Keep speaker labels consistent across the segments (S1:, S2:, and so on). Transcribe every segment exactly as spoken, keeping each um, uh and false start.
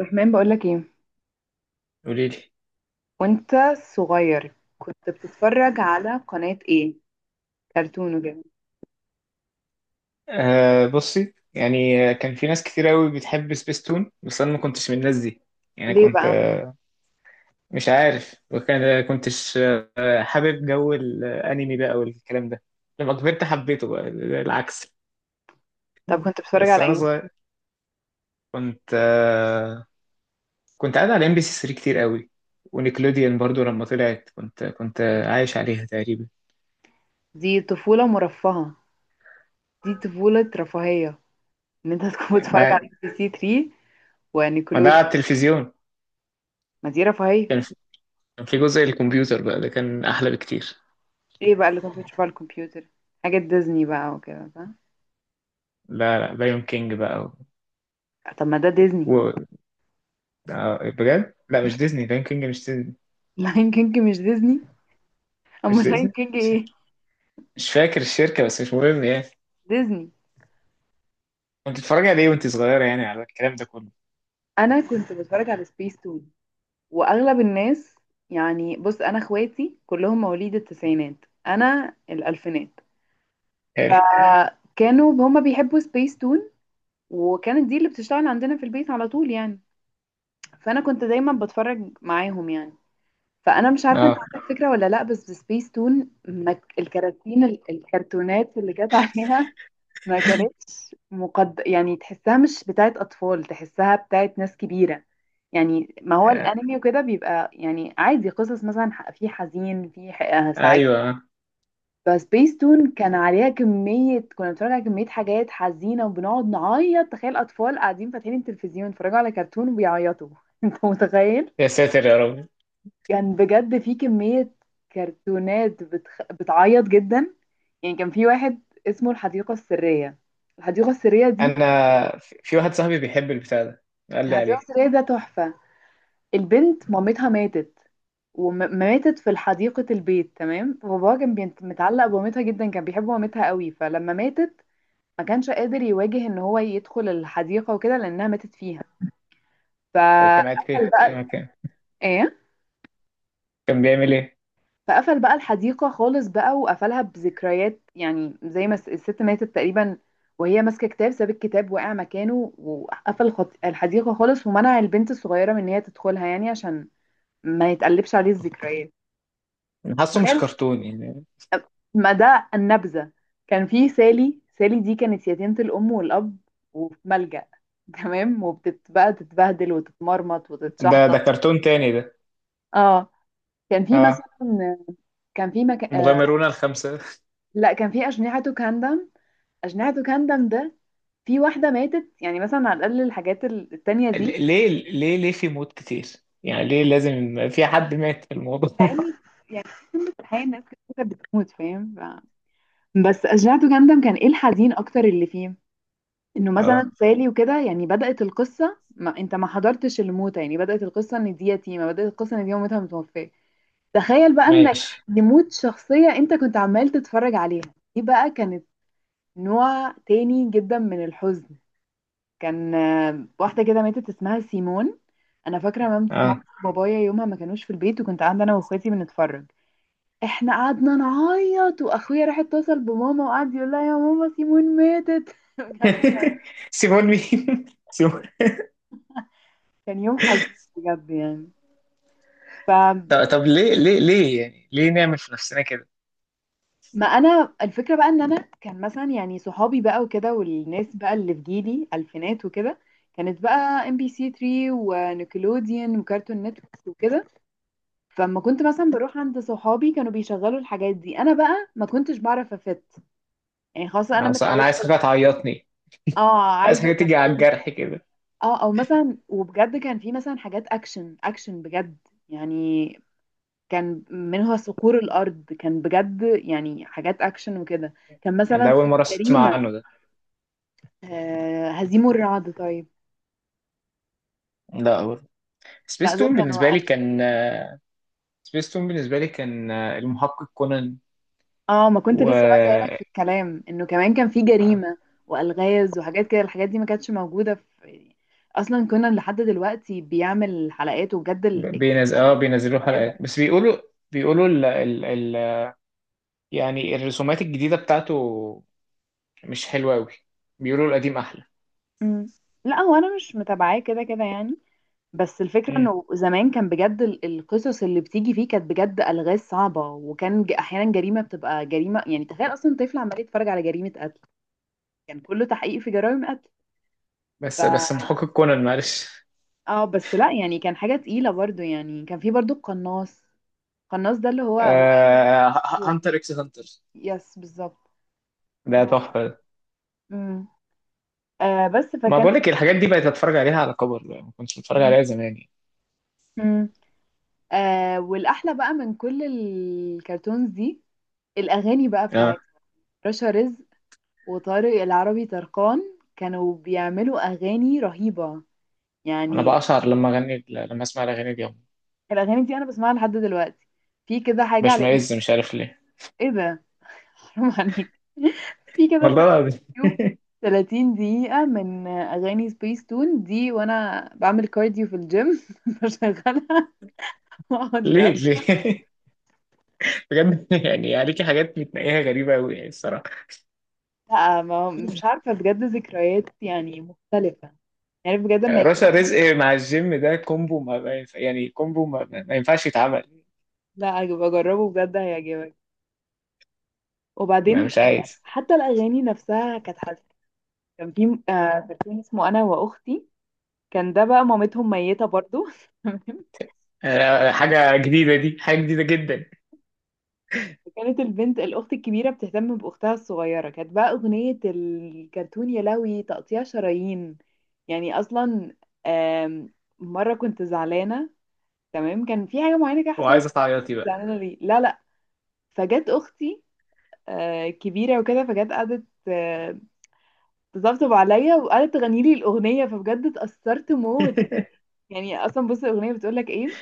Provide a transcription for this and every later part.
S1: رحمن، بقولك ايه؟
S2: قولي لي.
S1: وانت صغير كنت بتتفرج على قناة ايه؟ كرتون وكده؟
S2: آه بصي يعني آه، كان في ناس كتير قوي بتحب سبيستون بس انا ما كنتش من الناس دي. يعني
S1: ليه
S2: كنت
S1: بقى؟
S2: آه، مش عارف وكان كنتش آه، حابب جو الانمي بقى والكلام ده. لما كبرت حبيته بقى العكس.
S1: طب كنت بتتفرج
S2: بس
S1: على
S2: انا
S1: ايه؟
S2: صغير كنت آه كنت قاعد على ام بي سي ثري كتير قوي ونيكلوديان برضو لما طلعت كنت كنت
S1: مم.
S2: عايش عليها تقريبا.
S1: دي طفولة مرفهة. دي طفولة رفاهية. ان انت تكون بتتفرج على
S2: ما
S1: ام بي سي ثلاثة
S2: ما ده على
S1: ونيكلوديان.
S2: التلفزيون.
S1: ما دي رفاهية.
S2: كان في كان في جزء الكمبيوتر بقى ده كان احلى بكتير.
S1: ايه بقى اللي كنت بتشوفه على الكمبيوتر؟ حاجة ديزني بقى وكده، فاهم؟
S2: لا لا بايون كينج بقى.
S1: طب ما ده ديزني.
S2: آه، بجد لا مش ديزني، ليون كينج مش ديزني.
S1: لاين كينج مش ديزني؟
S2: مش
S1: امال لاين
S2: ديزني،
S1: كينج
S2: مش
S1: ايه؟
S2: مش فاكر الشركة بس مش مهم يعني.
S1: ديزني.
S2: كنت بتتفرجي عليه وانت صغيرة يعني على الكلام ده كله؟
S1: انا كنت بتفرج على سبيس تون واغلب الناس. يعني بص، انا اخواتي كلهم مواليد التسعينات، انا الالفينات.
S2: حلو.
S1: كانوا هما بيحبوا سبيس تون، وكانت دي اللي بتشتغل عندنا في البيت على طول يعني. فانا كنت دايما بتفرج معاهم يعني. فانا مش عارفه انت
S2: اه.
S1: عندك فكره ولا لا، بس سبيس تون ما ك- الكراتين ال- الكرتونات اللي كانت عليها ما كانتش مقد... يعني تحسها مش بتاعت أطفال، تحسها بتاعت ناس كبيرة. يعني ما هو
S2: آه،
S1: الأنمي وكده بيبقى يعني عادي، قصص مثلا، ح- في حزين، في ح- آه سعيد.
S2: ايوه.
S1: بس تون كان عليها كمية، كنا بنتفرج على كمية حاجات حزينة وبنقعد نعيط. تخيل أطفال قاعدين فاتحين التلفزيون يتفرجوا على كرتون وبيعيطوا أنت متخيل؟
S2: يا ساتر يا رب.
S1: كان بجد في كمية كرتونات بتخ... بتعيط جدا. يعني كان في واحد اسمه الحديقة السرية. الحديقة السرية دي،
S2: انا في في واحد صاحبي بيحب البتاع ده، قال لي
S1: الحديقة
S2: عليه.
S1: السرية ده تحفة. البنت مامتها ماتت، وماتت في حديقة البيت، تمام؟ باباها كان بيت- متعلق بمامتها جدا، كان بيحب مامتها قوي، فلما ماتت ما كانش قادر يواجه ان هو يدخل الحديقة وكده لانها ماتت فيها،
S2: هو كان قاعد فين؟
S1: فقفل
S2: في
S1: بقى.
S2: مكان
S1: ايه؟
S2: كان بيعمل ايه؟
S1: فقفل بقى الحديقة خالص بقى، وقفلها بذكريات يعني زي ما الس- الست ماتت تقريبا وهي ماسكة كتاب، ساب الكتاب وقع مكانه، وقفل خط- الحديقة خالص، ومنع البنت الصغيرة من ان هي تدخلها يعني، عشان ما يتقلبش عليه الذكريات.
S2: أنا حاسه مش
S1: تخيل،
S2: كرتون يعني.
S1: ما ده النبذة. كان في سالي. سالي دي كانت يتيمة الأم والأب وفي ملجأ، تمام؟ وبتبقى تتبهدل وتتمرمط
S2: ده
S1: وتتشحطط.
S2: ده كرتون تاني ده.
S1: اه. كان في
S2: اه.
S1: مثلا. كان في مك... آه.
S2: مغامرون الخمسة.
S1: لا، كان في أجنحة كاندم. أجنحة كاندم ده، في واحدة ماتت يعني مثلا، على الأقل الحاجات ال- التانية دي.
S2: ل- ليه ليه ليه في موت كتير؟ يعني ليه لازم يبقى في حد مات في الموضوع؟
S1: لأن يعني، في الحقيقة الناس كانت بتموت، فاهم؟ ف... بس أجنحة كاندم كان إيه الحزين أكتر اللي فيه؟ انه مثلا
S2: اه
S1: سالي وكده يعني، بدأت القصة، ما انت ما حضرتش الموتة، يعني بدأت القصة ان دي يتيمة، بدأت القصة ان دي مامتها متوفية. تخيل بقى انك
S2: ماشي.
S1: يموت شخصية انت كنت عمال تتفرج عليها. دي بقى كانت نوع تاني جدا من الحزن. كان آه، واحدة كده ماتت اسمها سيمون. انا فاكرة مام- مامتي
S2: اه.
S1: وبابايا يومها ما كانوش في البيت، وكنت قاعدة انا واخواتي بنتفرج. احنا قعدنا نعيط، واخويا راح اتصل بماما وقعد يقول لها: يا ماما، سيمون ماتت بجد كان
S2: سيبون مين؟ سيبون.
S1: كان يوم حزين بجد يعني. فما
S2: طب طب ليه ليه ليه يعني ليه نعمل في نفسنا كده؟
S1: انا الفكره بقى ان انا كان مثلا يعني صحابي بقى وكده، والناس بقى اللي في جيلي الفينات وكده، كانت بقى ام بي سي ثلاثة ونيكلوديان وكارتون نتورك وكده. فلما كنت مثلا بروح عند صحابي، كانوا بيشغلوا الحاجات دي، انا بقى ما كنتش بعرف افت يعني، خلاص انا
S2: انا أص- أنا
S1: متعوده.
S2: عايز حاجه تعيطني.
S1: اه،
S2: عايز
S1: عايزه
S2: حاجه تيجي على
S1: كرتون.
S2: الجرح كده.
S1: اه او مثلا، وبجد كان في مثلا حاجات اكشن اكشن بجد. يعني كان منها صقور الارض، كان بجد يعني حاجات اكشن وكده. كان
S2: يعني ده
S1: مثلا
S2: اول
S1: في
S2: مره
S1: جريمة.
S2: اسمع عنه ده.
S1: آه، هزيم الرعد. طيب.
S2: لا برضه.
S1: لا،
S2: سبيس
S1: دول
S2: تون بالنسبه
S1: كانوا
S2: لي
S1: أكشن.
S2: كان سبيس تون بالنسبه لي كان آه، المحقق كونان.
S1: اه، ما كنت لسه بقى جايلك في
S2: و
S1: الكلام، انه كمان كان في جريمة والغاز وحاجات كده. الحاجات دي ما كانتش موجودة في يعني، اصلا كنا لحد دلوقتي بيعمل حلقات، وبجد ال- كانت
S2: بينز... اه بينزلوا
S1: مرعبة.
S2: حلقات بس بيقولوا. بيقولوا ال... ال... ال... يعني الرسومات الجديده بتاعته مش حلوه قوي. بيقولوا القديم احلى.
S1: مم. لا، هو انا مش متابعاه كده كده يعني. بس الفكرة
S2: مم.
S1: انه زمان كان بجد ال- القصص اللي بتيجي فيه كانت بجد الغاز صعبة، وكان ج- احيانا جريمة بتبقى جريمة يعني، تخيل اصلا طفل عمال يتفرج على جريمة قتل. كان كله تحقيق في جرائم
S2: بس بس
S1: قتل.
S2: محقق كونان معلش.
S1: اه بس لا يعني، كان حاجة تقيلة برضو يعني، كان في برضو القناص. القناص ده اللي هو هو.
S2: آه هانتر اكس هانتر.
S1: يس بالظبط.
S2: ده
S1: آه.
S2: تحفه ده.
S1: مم. آه بس
S2: ما
S1: فكانت.
S2: بقول لك الحاجات دي بقيت اتفرج عليها على كبر، ما كنتش بتفرج
S1: مم.
S2: عليها زمان يعني.
S1: مم. آه والأحلى بقى من كل الكرتونز دي، الأغاني بقى بتاعت
S2: آه.
S1: رشا رزق وطارق العربي طرقان، كانوا بيعملوا أغاني رهيبة
S2: انا
S1: يعني.
S2: بقشعر لما اغني لما اسمع الاغاني دي.
S1: الأغاني دي أنا بسمعها لحد دلوقتي. في كده حاجة على
S2: بشمئز
S1: يوتيوب.
S2: مش عارف ليه.
S1: إيه ده؟ حرام عليك في كده
S2: والله العظيم.
S1: يوتيوب ثلاتين دقيقة من أغاني سبيس تون دي، وأنا بعمل كارديو في الجيم بشغلها وأقعد
S2: ليه ليه؟ بجد يعني عليكي حاجات بتنقيها غريبة أوي يعني الصراحة.
S1: أسمع. ما هو- مش عارفة بجد، ذكريات يعني مختلفة يعني بجد، لما يكون
S2: رشا
S1: عندك.
S2: رزق مع الجيم ده كومبو ما ما ينفع، يعني كومبو ما, ما ما ينفعش يتعمل.
S1: لا، بجربه بجد هيعجبك.
S2: ما
S1: وبعدين
S2: مش
S1: ال-
S2: عايز.
S1: حتى الأغاني نفسها كانت حلوة. كان في م- آه، كرتون اسمه أنا وأختي. كان ده بقى مامتهم ميتة برضو
S2: أنا- حاجة جديدة دي حاجة جديدة جدا.
S1: كانت البنت الأخت الكبيرة بتهتم بأختها الصغيرة، كانت بقى أغنية الكرتون، يا لهوي تقطيع شرايين. يعني أصلا، آم، مرة كنت زعلانة، تمام؟ كان في حاجة معينة كده حصلت
S2: وعايز
S1: لي، مش فاكرة
S2: تعيطي
S1: كنت
S2: بقى؟
S1: زعلانة ليه. لا لا. فجت أختي، آه، كبيرة وكده، فجت قعدت آه، تطبطب عليا، وقعدت تغني لي الأغنية، فبجد اتأثرت موت. يعني اصلا بص، الاغنيه بتقول لك ايه: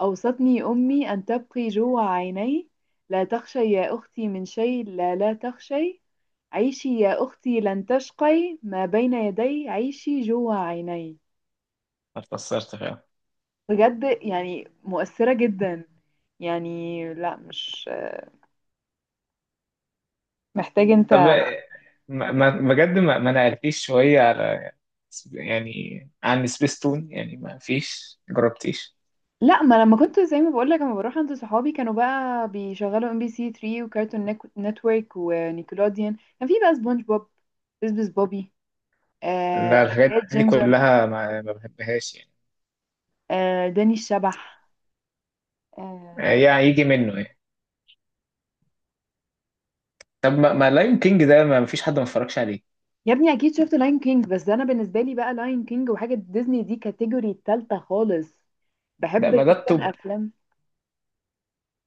S1: اوصتني امي ان تبقي جوع عيني، لا تخشي يا اختي من شيء، لا لا تخشي، عيشي يا اختي لن تشقي، ما بين يدي عيشي جوع عيني.
S2: اتأثرت فعلا.
S1: بجد يعني مؤثره جدا يعني. لا، مش محتاج
S2: طب
S1: انت.
S2: ما ما- بجد ما, ما نقلتيش شوية على، يعني عن سبيستون، يعني ما فيش جربتيش.
S1: لا، ما لما كنت زي ما بقول لك، لما بروح عند صحابي كانوا بقى بيشغلوا ام بي سي ثلاثة وكارتون نيك- نتورك ونيكلوديان، كان في بقى سبونج بوب، بسبس بوبي، آه
S2: لا الحاجات
S1: حكايات
S2: دي
S1: جينجر،
S2: كلها ما, ما بحبهاش يعني.
S1: آه داني الشبح، آه.
S2: يعني يجي منه يعني. طب ما, ما لاين كينج ده ما فيش حد ما اتفرجش عليه؟
S1: يا ابني، اكيد شفت لاين كينج. بس ده انا بالنسبه لي بقى، لاين كينج وحاجه ديزني دي كاتيجوري التالتة خالص.
S2: ده
S1: بحب
S2: ما ده الطب.
S1: جدا افلام.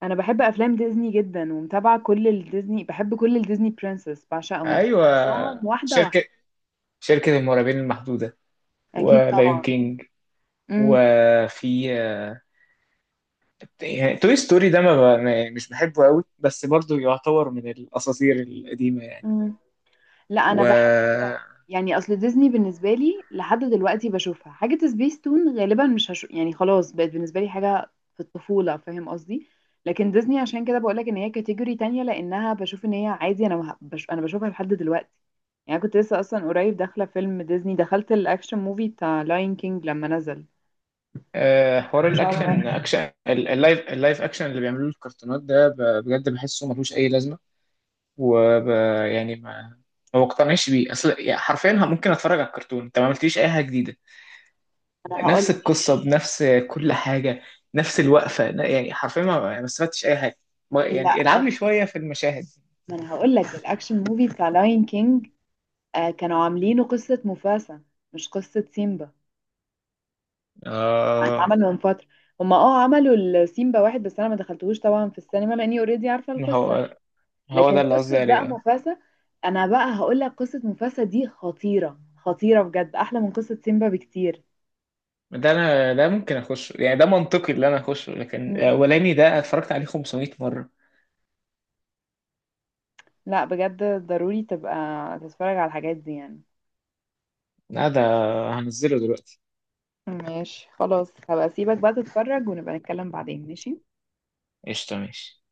S1: انا بحب افلام ديزني جدا ومتابعه كل الديزني، بحب كل الديزني برنسس بعشقهم
S2: ايوه.
S1: حافظاهم واحده واحده.
S2: شركة شركة المرعبين المحدودة.
S1: اكيد
S2: ولايون
S1: طبعا.
S2: كينج. وفي. يعني توي ستوري ده ما ب- ما- مش بحبه قوي بس برضو يعتبر من الاساطير القديمة يعني.
S1: امم. لا، انا بحب.
S2: و
S1: يعني اصل ديزني بالنسبه لي لحد دلوقتي بشوفها حاجه. سبيس تون غالبا مش هشوف يعني، خلاص بقت بالنسبه لي حاجه في الطفوله، فاهم قصدي؟ لكن ديزني عشان كده بقول لك ان هي كاتيجوري تانية، لانها بشوف ان هي عادي. انا مه- بش... انا بشوفها لحد دلوقتي. يعني كنت لسه اصلا قريب داخله فيلم ديزني، دخلت الاكشن موفي بتاع لاين كينج لما نزل.
S2: آه، حوار
S1: مش
S2: الاكشن
S1: عارفه.
S2: اكشن ال- اللايف اللايف اكشن اللي بيعملوه الكرتونات ده ب- بجد بحسه ملوش اي لازمه. وب يعني ما ما بقتنعش بيه، اصل يعني حرفيا ه- ممكن اتفرج على الكرتون انت ما عملتليش اي حاجه جديده.
S1: انا هقول
S2: نفس
S1: لك.
S2: القصه بنفس كل حاجه، نفس الوقفه ن- يعني حرفيا ما ما استفدتش اي حاجه. ما-
S1: لا،
S2: يعني العبني
S1: أنا-
S2: شويه في المشاهد.
S1: ما انا هقول لك، الاكشن موفي بتاع لاين كينج آه كانوا عاملينه قصه مفاسا، مش قصه سيمبا.
S2: اه.
S1: اتعمل من فترة. هما اه عملوا السيمبا واحد، بس انا ما دخلتهوش طبعا في السينما لاني اوريدي عارفة القصة.
S2: هو هو ده
S1: لكن
S2: اللي قصدي
S1: قصة بقى
S2: عليه آه.
S1: مفاسة. انا بقى هقول لك، قصة مفاسة دي خطيرة خطيرة بجد، احلى من قصة سيمبا بكتير.
S2: ده انا ده ممكن اخشه يعني ده منطقي اللي انا اخشه، لكن
S1: مم.
S2: الاولاني ده اتفرجت عليه خمسمائة مره.
S1: لا بجد، ضروري تبقى تتفرج على الحاجات دي يعني.
S2: لا ده هنزله دلوقتي.
S1: ماشي، خلاص هبقى اسيبك بقى تتفرج، ونبقى نتكلم بعدين. ماشي.
S2: قشطة ماشي.